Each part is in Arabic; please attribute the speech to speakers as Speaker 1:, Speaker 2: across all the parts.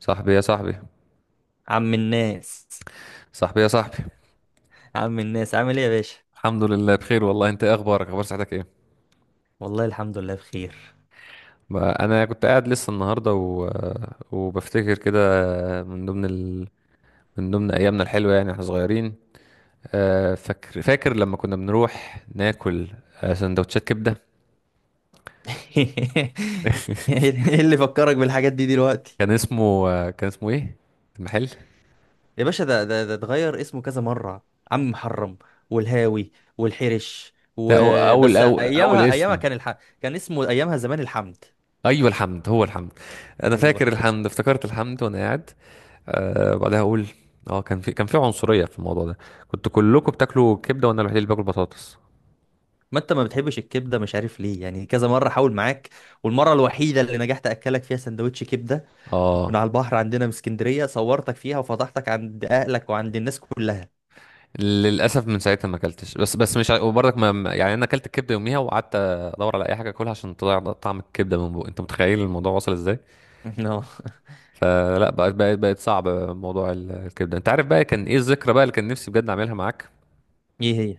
Speaker 1: صاحبي يا صاحبي
Speaker 2: عم الناس
Speaker 1: صاحبي يا صاحبي.
Speaker 2: عم الناس عامل ايه يا باشا؟
Speaker 1: الحمد لله بخير والله، انت ايه اخبارك؟ اخبار صحتك ايه؟
Speaker 2: والله الحمد لله بخير.
Speaker 1: ما انا كنت قاعد لسه النهارده وبفتكر كده، من ضمن ال... من ضمن ايامنا الحلوه يعني احنا صغيرين. فاكر لما كنا بنروح ناكل، سندوتشات كبده.
Speaker 2: ايه اللي فكرك بالحاجات دي دلوقتي؟
Speaker 1: كان اسمه، كان اسمه ايه المحل؟
Speaker 2: يا باشا ده اتغير اسمه كذا مرة: عم محرم والهاوي والحرش،
Speaker 1: لا، هو اول
Speaker 2: وبس
Speaker 1: اول
Speaker 2: ايامها ايامها
Speaker 1: اسم،
Speaker 2: كان اسمه ايامها زمان الحمد.
Speaker 1: ايوه الحمد، هو الحمد. انا
Speaker 2: ايوه،
Speaker 1: فاكر الحمد، افتكرت الحمد وانا قاعد. أه بعدها اقول، اه كان في عنصريه في الموضوع ده. كنتوا كلكم بتاكلوا كبده وانا الوحيد اللي باكل بطاطس.
Speaker 2: ما انت ما بتحبش الكبده مش عارف ليه، يعني كذا مره حاول معاك، والمره الوحيده اللي نجحت اكلك فيها سندوتش كبده من
Speaker 1: اه،
Speaker 2: على البحر عندنا في اسكندريه، صورتك فيها وفضحتك عند اهلك وعند الناس كلها.
Speaker 1: للاسف من ساعتها ما اكلتش، بس مش ع- وبرضك يعني انا اكلت الكبده يوميها وقعدت ادور على اي حاجه اكلها عشان تضيع طعم الكبده من بوق انت متخيل الموضوع وصل ازاي؟
Speaker 2: اه.
Speaker 1: فلا، بقت صعب موضوع الكبده. انت عارف بقى كان ايه الذكرى بقى اللي كان نفسي بجد اعملها معاك؟
Speaker 2: ايه هي؟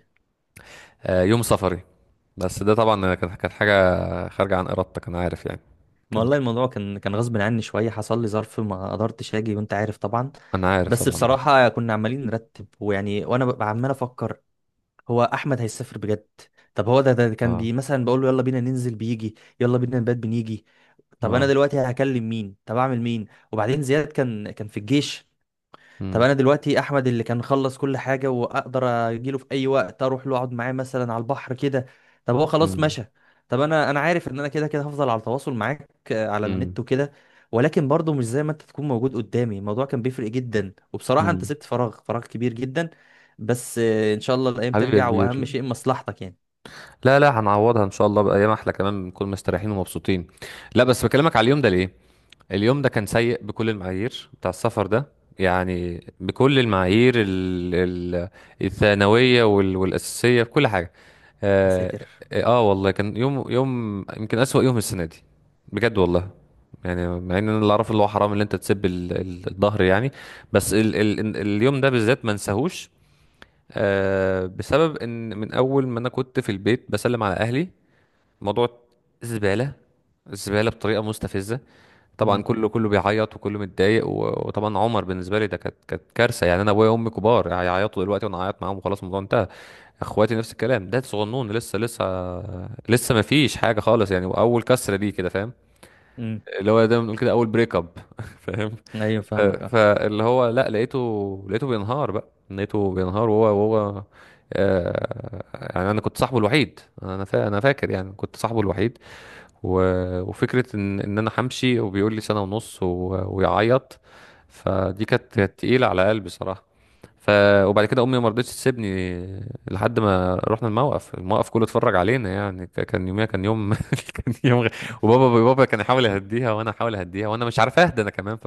Speaker 1: يوم سفري. بس ده طبعا كانت حاجه خارجه عن ارادتك، انا عارف يعني.
Speaker 2: ما
Speaker 1: كان،
Speaker 2: والله الموضوع كان غصب عني شويه، حصل لي ظرف ما قدرتش اجي وانت عارف طبعا.
Speaker 1: انا عارف
Speaker 2: بس
Speaker 1: طبعا.
Speaker 2: بصراحه كنا عمالين نرتب ويعني، وانا ببقى عمال افكر: هو احمد هيسافر بجد؟ طب هو ده كان
Speaker 1: اه،
Speaker 2: بي مثلا بقول له يلا بينا ننزل بيجي، يلا بينا نبات بنيجي. طب انا
Speaker 1: اه.
Speaker 2: دلوقتي هكلم مين، طب اعمل مين؟ وبعدين زياد كان في الجيش. طب انا دلوقتي احمد اللي كان خلص كل حاجه واقدر اجيله في اي وقت اروح له اقعد معاه مثلا على البحر كده، طب هو خلاص
Speaker 1: امم،
Speaker 2: مشى. طب انا عارف ان انا كده كده هفضل على تواصل معاك، على
Speaker 1: امم،
Speaker 2: النت وكده، ولكن برضه مش زي ما انت تكون موجود قدامي، الموضوع كان بيفرق جدا. وبصراحه انت
Speaker 1: امم.
Speaker 2: سبت فراغ كبير جدا. بس ان شاء الله الايام
Speaker 1: حبيبي يا
Speaker 2: ترجع، واهم
Speaker 1: كبير،
Speaker 2: شيء مصلحتك يعني.
Speaker 1: لا لا، هنعوضها ان شاء الله بايام احلى، كمان بنكون مستريحين ومبسوطين. لا بس بكلمك على اليوم ده ليه، اليوم ده كان سيء بكل المعايير بتاع السفر ده. يعني بكل المعايير الثانويه والاساسيه، بكل حاجه.
Speaker 2: يا
Speaker 1: اه،
Speaker 2: ساتر.
Speaker 1: آه والله كان يوم، يوم يمكن اسوأ يوم السنه دي، بجد والله. يعني مع ان انا اللي اعرفه اللي هو حرام اللي انت تسيب الظهر يعني. بس ال ال اليوم ده بالذات ما انساهوش. أه بسبب ان من اول ما انا كنت في البيت بسلم على اهلي، موضوع زبالة، زبالة بطريقة مستفزة. طبعا
Speaker 2: امم.
Speaker 1: كله بيعيط وكله متضايق وطبعا عمر بالنسبة لي ده كانت كارثة. يعني انا ابويا وامي كبار هيعيطوا دلوقتي وانا هعيط معاهم وخلاص الموضوع انتهى. اخواتي نفس الكلام ده، صغنون لسه، لسه ما فيش حاجة خالص يعني، واول كسرة دي كده فاهم؟
Speaker 2: امم.
Speaker 1: اللي هو دايما بنقول كده، اول بريك اب فاهم؟
Speaker 2: ايوه فاهمك، اه.
Speaker 1: فاللي هو لا، لقيته بينهار بقى، لقيته بينهار، وهو آه، يعني انا كنت صاحبه الوحيد، انا فاكر يعني كنت صاحبه الوحيد. و... وفكره ان انا همشي، وبيقول لي سنه ونص ويعيط. فدي كانت
Speaker 2: مم.
Speaker 1: كانت تقيله على قلبي صراحه. ف وبعد كده امي ما رضتش تسيبني لحد ما رحنا الموقف، الموقف كله اتفرج علينا يعني، كان يوميها كان يوم كان يوم غ... وبابا، بابا كان يحاول يهديها وانا احاول اهديها وانا مش عارف اهدى انا كمان.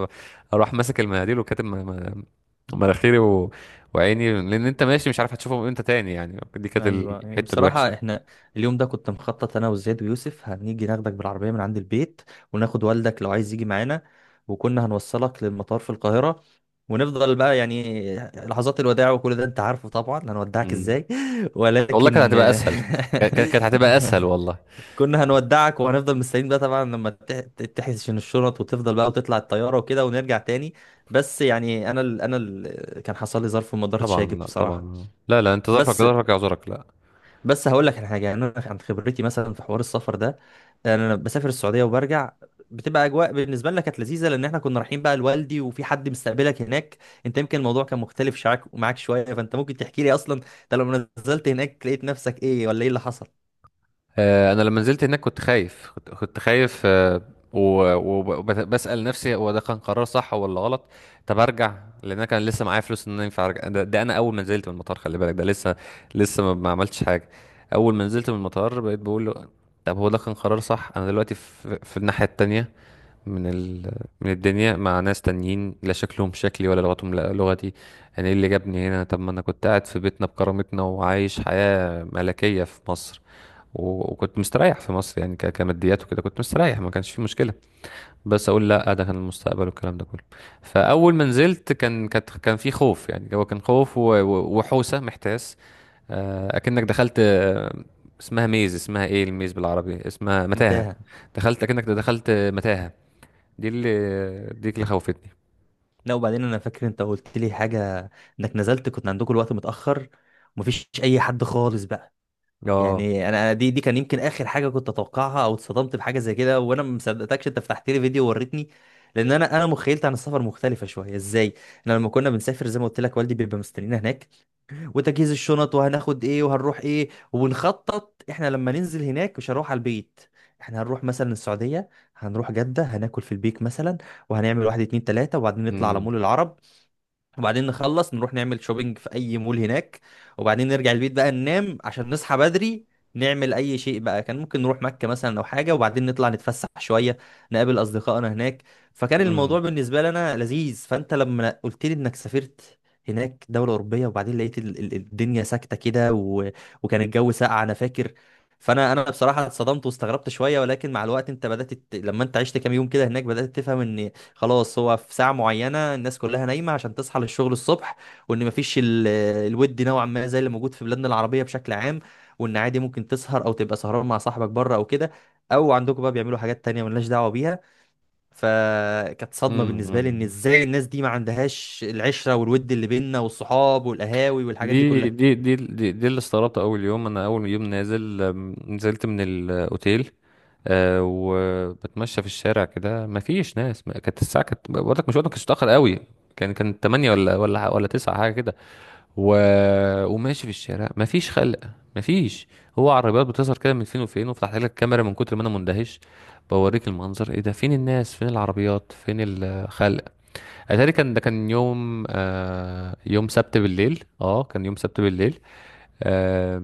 Speaker 1: فاروح ماسك المناديل وكاتب مناخيري وعيني، لان انت ماشي مش عارف هتشوفهم امتى تاني، يعني دي كانت
Speaker 2: ايوه يعني
Speaker 1: الحته الوحشه.
Speaker 2: بصراحه احنا اليوم ده كنت مخطط انا وزياد ويوسف هنيجي ناخدك بالعربيه من عند البيت، وناخد والدك لو عايز يجي معانا، وكنا هنوصلك للمطار في القاهره، ونفضل بقى يعني لحظات الوداع وكل ده انت عارفه طبعا، هنودعك
Speaker 1: مم.
Speaker 2: ازاي.
Speaker 1: والله كانت
Speaker 2: ولكن
Speaker 1: هتبقى اسهل، كانت هتبقى اسهل والله.
Speaker 2: كنا هنودعك وهنفضل مستنيين بقى طبعا لما تحسن الشنط وتفضل بقى وتطلع الطياره وكده ونرجع تاني. بس يعني كان حصل لي ظرف وما قدرتش
Speaker 1: طبعا
Speaker 2: اجي
Speaker 1: لا،
Speaker 2: بصراحه.
Speaker 1: طبعا لا لا، انت ظرفك،
Speaker 2: بس
Speaker 1: ظرفك يعذرك، لا.
Speaker 2: بس هقول لك على حاجه، يعني انا عن خبرتي مثلا في حوار السفر ده، يعني انا بسافر السعوديه وبرجع، بتبقى اجواء بالنسبه لنا كانت لذيذه لان احنا كنا رايحين بقى لوالدي وفي حد مستقبلك هناك. انت يمكن الموضوع كان مختلف شعك معاك شويه، فانت ممكن تحكي لي اصلا انت لما نزلت هناك لقيت نفسك ايه ولا ايه اللي حصل؟
Speaker 1: انا لما نزلت هناك كنت خايف، كنت خايف، وبسأل نفسي هو ده كان قرار صح ولا غلط؟ طب ارجع، لان انا كان لسه معايا فلوس ان انا ينفع ارجع. ده، ده انا اول ما نزلت من المطار، خلي بالك ده لسه، لسه ما ما عملتش حاجه. اول ما نزلت من المطار بقيت بقول له طب هو ده كان قرار صح؟ انا دلوقتي في، في الناحيه التانية من ال... من الدنيا مع ناس تانيين لا شكلهم شكلي ولا لغتهم لا لغتي. يعني ايه اللي جابني هنا؟ طب ما انا كنت قاعد في بيتنا بكرامتنا وعايش حياة ملكية في مصر، وكنت مستريح في مصر يعني، كماديات وكده كنت مستريح ما كانش في مشكلة. بس اقول لا ده كان المستقبل والكلام ده كله. فاول ما نزلت كان، كان في خوف، يعني هو كان خوف وحوسة، محتاس. اكنك دخلت، اسمها ميز، اسمها ايه الميز بالعربي؟ اسمها متاهة.
Speaker 2: متاهه.
Speaker 1: دخلت، اكنك دخلت متاهة. دي اللي دي اللي خوفتني.
Speaker 2: لا وبعدين انا فاكر انت قلت لي حاجه، انك نزلت كنت عندكم الوقت متاخر ومفيش اي حد خالص بقى.
Speaker 1: اه،
Speaker 2: يعني انا دي كان يمكن اخر حاجه كنت اتوقعها، او اتصدمت بحاجه زي كده وانا ما مصدقتكش انت فتحت لي فيديو ووريتني. لان انا مخيلتي عن السفر مختلفه شويه. ازاي؟ انا لما كنا بنسافر، زي ما قلت لك، والدي بيبقى مستنينا هناك، وتجهيز الشنط وهناخد ايه وهنروح ايه، وبنخطط احنا لما ننزل هناك مش هروح على البيت. احنا هنروح مثلا السعوديه، هنروح جده، هناكل في البيك مثلا، وهنعمل واحد اتنين تلاته، وبعدين نطلع على
Speaker 1: امم،
Speaker 2: مول العرب، وبعدين نخلص نروح نعمل شوبينج في اي مول هناك، وبعدين نرجع البيت بقى ننام عشان نصحى بدري، نعمل اي شيء بقى، كان ممكن نروح مكة مثلا او حاجة، وبعدين نطلع نتفسح شوية، نقابل اصدقائنا هناك. فكان الموضوع
Speaker 1: امم،
Speaker 2: بالنسبة لنا لذيذ. فانت لما قلت لي انك سافرت هناك دولة أوروبية، وبعدين لقيت الدنيا ساكتة كده، و... وكان الجو ساقع أنا فاكر، فأنا بصراحة اتصدمت واستغربت شوية. ولكن مع الوقت أنت بدأت لما أنت عشت كام يوم كده هناك بدأت تفهم إن خلاص هو في ساعة معينة الناس كلها نايمة عشان تصحى للشغل الصبح، وإن مفيش الود نوعا ما زي اللي موجود في بلادنا العربية بشكل عام، وإن عادي ممكن تسهر أو تبقى سهران مع صاحبك بره أو كده، أو عندكم بقى بيعملوا حاجات تانية ملناش دعوة بيها. فكانت صدمة بالنسبة لي إن
Speaker 1: امم.
Speaker 2: إزاي الناس دي ما عندهاش العشرة والود اللي بيننا، والصحاب والقهاوي والحاجات دي كلها.
Speaker 1: دي اللي استغربت اول يوم. انا اول يوم نازل، نزلت من الاوتيل، آه وبتمشى في الشارع كده ما فيش ناس، كانت الساعه، كانت بقول لك مش وقت، ما كانتش متاخر قوي، كان كان 8 ولا 9 حاجه كده. و... وماشي في الشارع مفيش خلق، مفيش. هو عربيات بتظهر كده من فين وفين، وفتحت لك الكاميرا من كتر ما انا مندهش، بوريك المنظر ايه ده، فين الناس، فين العربيات، فين الخلق؟ اتاري كان ده كان يوم، آه يوم سبت بالليل، اه كان يوم سبت بالليل. آه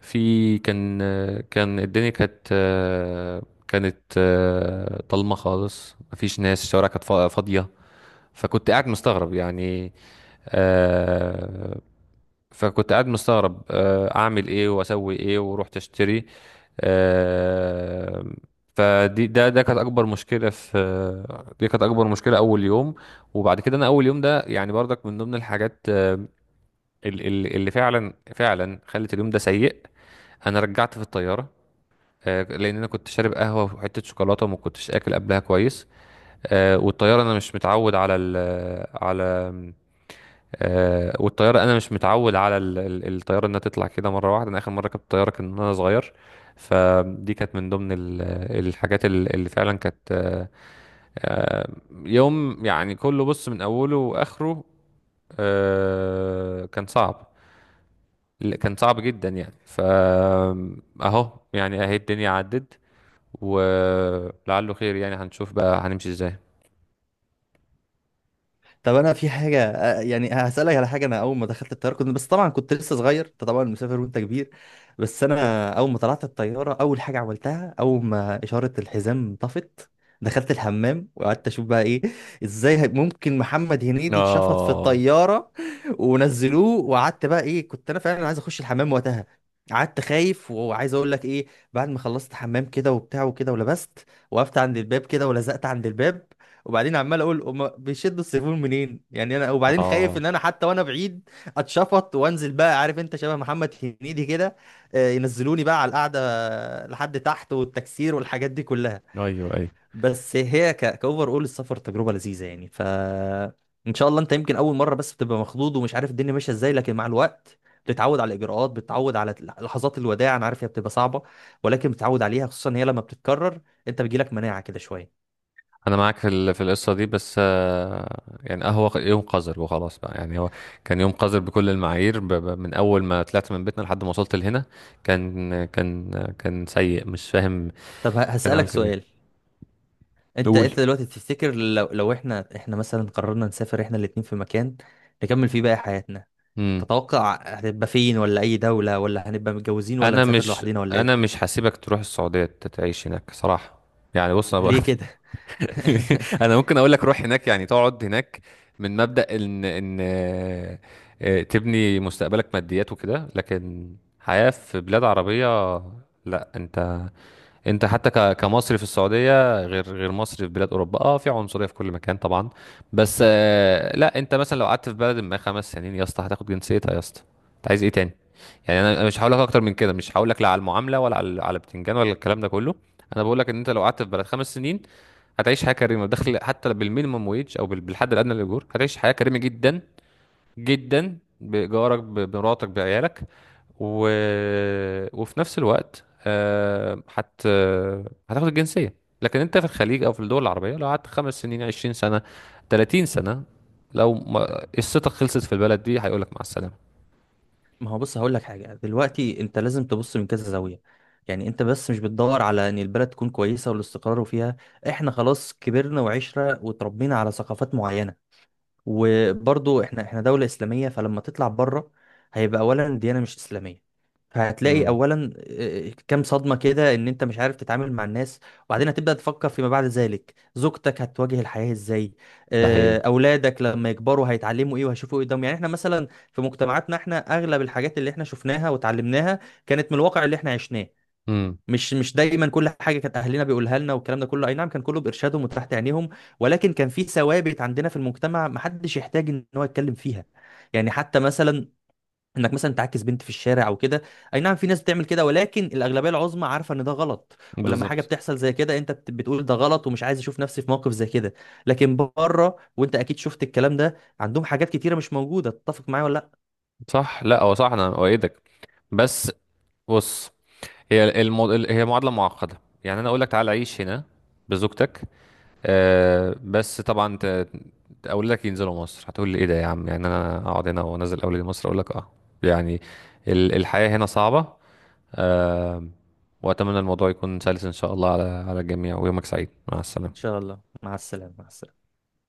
Speaker 1: كان، كان الدنيا كانت، كانت آه ضلمه خالص، مفيش ناس، الشوارع كانت فاضيه. فكنت قاعد مستغرب يعني، آه، فكنت قاعد مستغرب، اعمل ايه واسوي ايه، ورحت اشتري. آه، فدي، ده ده كانت اكبر مشكله في، دي كانت اكبر مشكله اول يوم. وبعد كده انا اول يوم ده يعني برضك من ضمن الحاجات، اللي فعلا خلت اليوم ده سيء. انا رجعت في الطياره، لان انا كنت شارب قهوه وحته شوكولاته وما كنتش اكل قبلها كويس. والطياره انا مش متعود على على، والطياره انا مش متعود على الطياره انها تطلع كده مره واحده، انا اخر مره ركبت طياره كان وانا صغير. فدي كانت من ضمن الحاجات اللي فعلا كانت، يوم يعني كله، بص من اوله واخره، كان صعب، كان صعب جدا يعني. اهو يعني، اهي الدنيا عدت ولعله خير، يعني هنشوف بقى هنمشي ازاي.
Speaker 2: طب انا في حاجه، يعني هسالك على حاجه. انا اول ما دخلت الطياره كنت، بس طبعا كنت لسه صغير، انت طبعا مسافر وانت كبير، بس انا اول ما طلعت الطياره اول حاجه عملتها اول ما اشاره الحزام طفت، دخلت الحمام وقعدت اشوف بقى ايه، ازاي ممكن محمد هنيدي اتشفط في
Speaker 1: اه،
Speaker 2: الطياره ونزلوه. وقعدت بقى، ايه، كنت انا فعلا عايز اخش الحمام وقتها، قعدت خايف، وعايز اقول لك ايه، بعد ما خلصت حمام كده وبتاع وكده ولبست، وقفت عند الباب كده ولزقت عند الباب، وبعدين عمال اقول هما بيشدوا السيفون منين يعني انا، وبعدين خايف
Speaker 1: اه.
Speaker 2: ان انا حتى وانا بعيد اتشفط وانزل بقى، عارف انت شبه محمد هنيدي كده، ينزلوني بقى على القعده لحد تحت والتكسير والحاجات دي كلها.
Speaker 1: ايوه، ايوه.
Speaker 2: بس هي كاوفر اول السفر تجربه لذيذه يعني، ف ان شاء الله انت يمكن اول مره بس بتبقى مخضوض ومش عارف الدنيا ماشيه ازاي، لكن مع الوقت بتتعود على الاجراءات، بتتعود على لحظات الوداع، انا عارف هي بتبقى صعبه، ولكن بتتعود عليها خصوصا هي لما بتتكرر، انت بيجيلك مناعه كده شويه.
Speaker 1: انا معاك في في القصه دي، بس يعني، هو يوم قذر وخلاص بقى يعني. هو كان يوم قذر بكل المعاير، من اول ما طلعت من بيتنا لحد ما وصلت لهنا. كان كان سيء، مش فاهم
Speaker 2: طب
Speaker 1: كان عامل
Speaker 2: هسألك
Speaker 1: كده
Speaker 2: سؤال.
Speaker 1: ليه. قول.
Speaker 2: انت دلوقتي تفتكر لو احنا مثلا قررنا نسافر احنا الاتنين في مكان نكمل فيه باقي حياتنا،
Speaker 1: امم.
Speaker 2: تتوقع هتبقى فين؟ ولا اي دولة؟ ولا هنبقى متجوزين ولا
Speaker 1: انا
Speaker 2: نسافر
Speaker 1: مش
Speaker 2: لوحدنا ولا ايه؟
Speaker 1: انا مش هسيبك تروح السعوديه تعيش هناك صراحه. يعني بص، أنا
Speaker 2: ليه كده؟
Speaker 1: انا ممكن اقول لك روح هناك يعني تقعد هناك، من مبدأ ان تبني مستقبلك ماديات وكده، لكن حياة في بلاد عربية، لا. انت، انت حتى كمصري في السعودية غير، مصري في بلاد اوروبا. اه في عنصرية في كل مكان طبعا، بس لا، انت مثلا لو قعدت في بلد ما 5 سنين يا اسطى هتاخد جنسيتها يا اسطى، انت عايز ايه تاني؟ يعني أنا مش هقول لك اكتر من كده، مش هقول لك لا على المعاملة ولا على، على بتنجان ولا الكلام ده كله. انا بقول لك ان انت لو قعدت في بلد 5 سنين هتعيش حياه كريمه، دخل حتى بالمينيمم ويج، او بالحد الادنى للاجور هتعيش حياه كريمه جدا جدا، بايجارك، بمراتك، بعيالك. و... وفي نفس الوقت، هتاخد الجنسيه. لكن انت في الخليج او في الدول العربيه لو قعدت 5 سنين، 20 سنه، 30 سنه، لو ما... قصتك خلصت في البلد دي هيقول لك مع السلامه.
Speaker 2: ما هو بص هقول لك حاجة دلوقتي، انت لازم تبص من كذا زاوية. يعني انت بس مش بتدور على ان البلد تكون كويسة والاستقرار فيها، احنا خلاص كبرنا وعشرة وتربينا على ثقافات معينة، وبرضو احنا دولة إسلامية، فلما تطلع بره هيبقى أولا الديانة مش إسلامية، فهتلاقي
Speaker 1: امم.
Speaker 2: أولا، كام صدمة كده، إن أنت مش عارف تتعامل مع الناس، وبعدين هتبدأ تفكر فيما بعد ذلك زوجتك هتواجه الحياة إزاي،
Speaker 1: ده حقيقي.
Speaker 2: أولادك لما يكبروا هيتعلموا إيه وهيشوفوا إيه قدامهم. يعني احنا مثلا في مجتمعاتنا، احنا أغلب الحاجات اللي احنا شفناها وتعلمناها كانت من الواقع اللي احنا عشناه،
Speaker 1: امم.
Speaker 2: مش دايما كل حاجه كانت اهلنا بيقولها لنا والكلام ده كله، اي نعم كان كله بارشادهم وتحت عينيهم، ولكن كان في ثوابت عندنا في المجتمع محدش يحتاج ان هو يتكلم فيها. يعني حتى مثلا انك مثلا تعاكس بنت في الشارع او كده، اي نعم في ناس بتعمل كده، ولكن الاغلبيه العظمى عارفه ان ده غلط. ولما حاجه
Speaker 1: بالظبط.
Speaker 2: بتحصل زي كده انت بتقول ده غلط ومش عايز اشوف نفسي في موقف زي كده. لكن بره وانت اكيد شفت الكلام ده، عندهم حاجات كتيره مش موجوده، تتفق معايا ولا لا؟
Speaker 1: صح، لا هو صح، انا اؤيدك. بس، بص، هي معادلة معقدة. يعني انا اقول لك تعال عيش هنا بزوجتك، آه بس طبعا، اقول لك ينزلوا مصر هتقول لي ايه ده يا عم؟ يعني انا اقعد هنا وانزل اولادي مصر، اقول لك اه. يعني الحياة هنا صعبة، آه. واتمنى الموضوع يكون سلس ان شاء الله على، على الجميع، ويومك سعيد مع
Speaker 2: ان
Speaker 1: السلامة.
Speaker 2: شاء الله، مع السلامه، مع السلامه.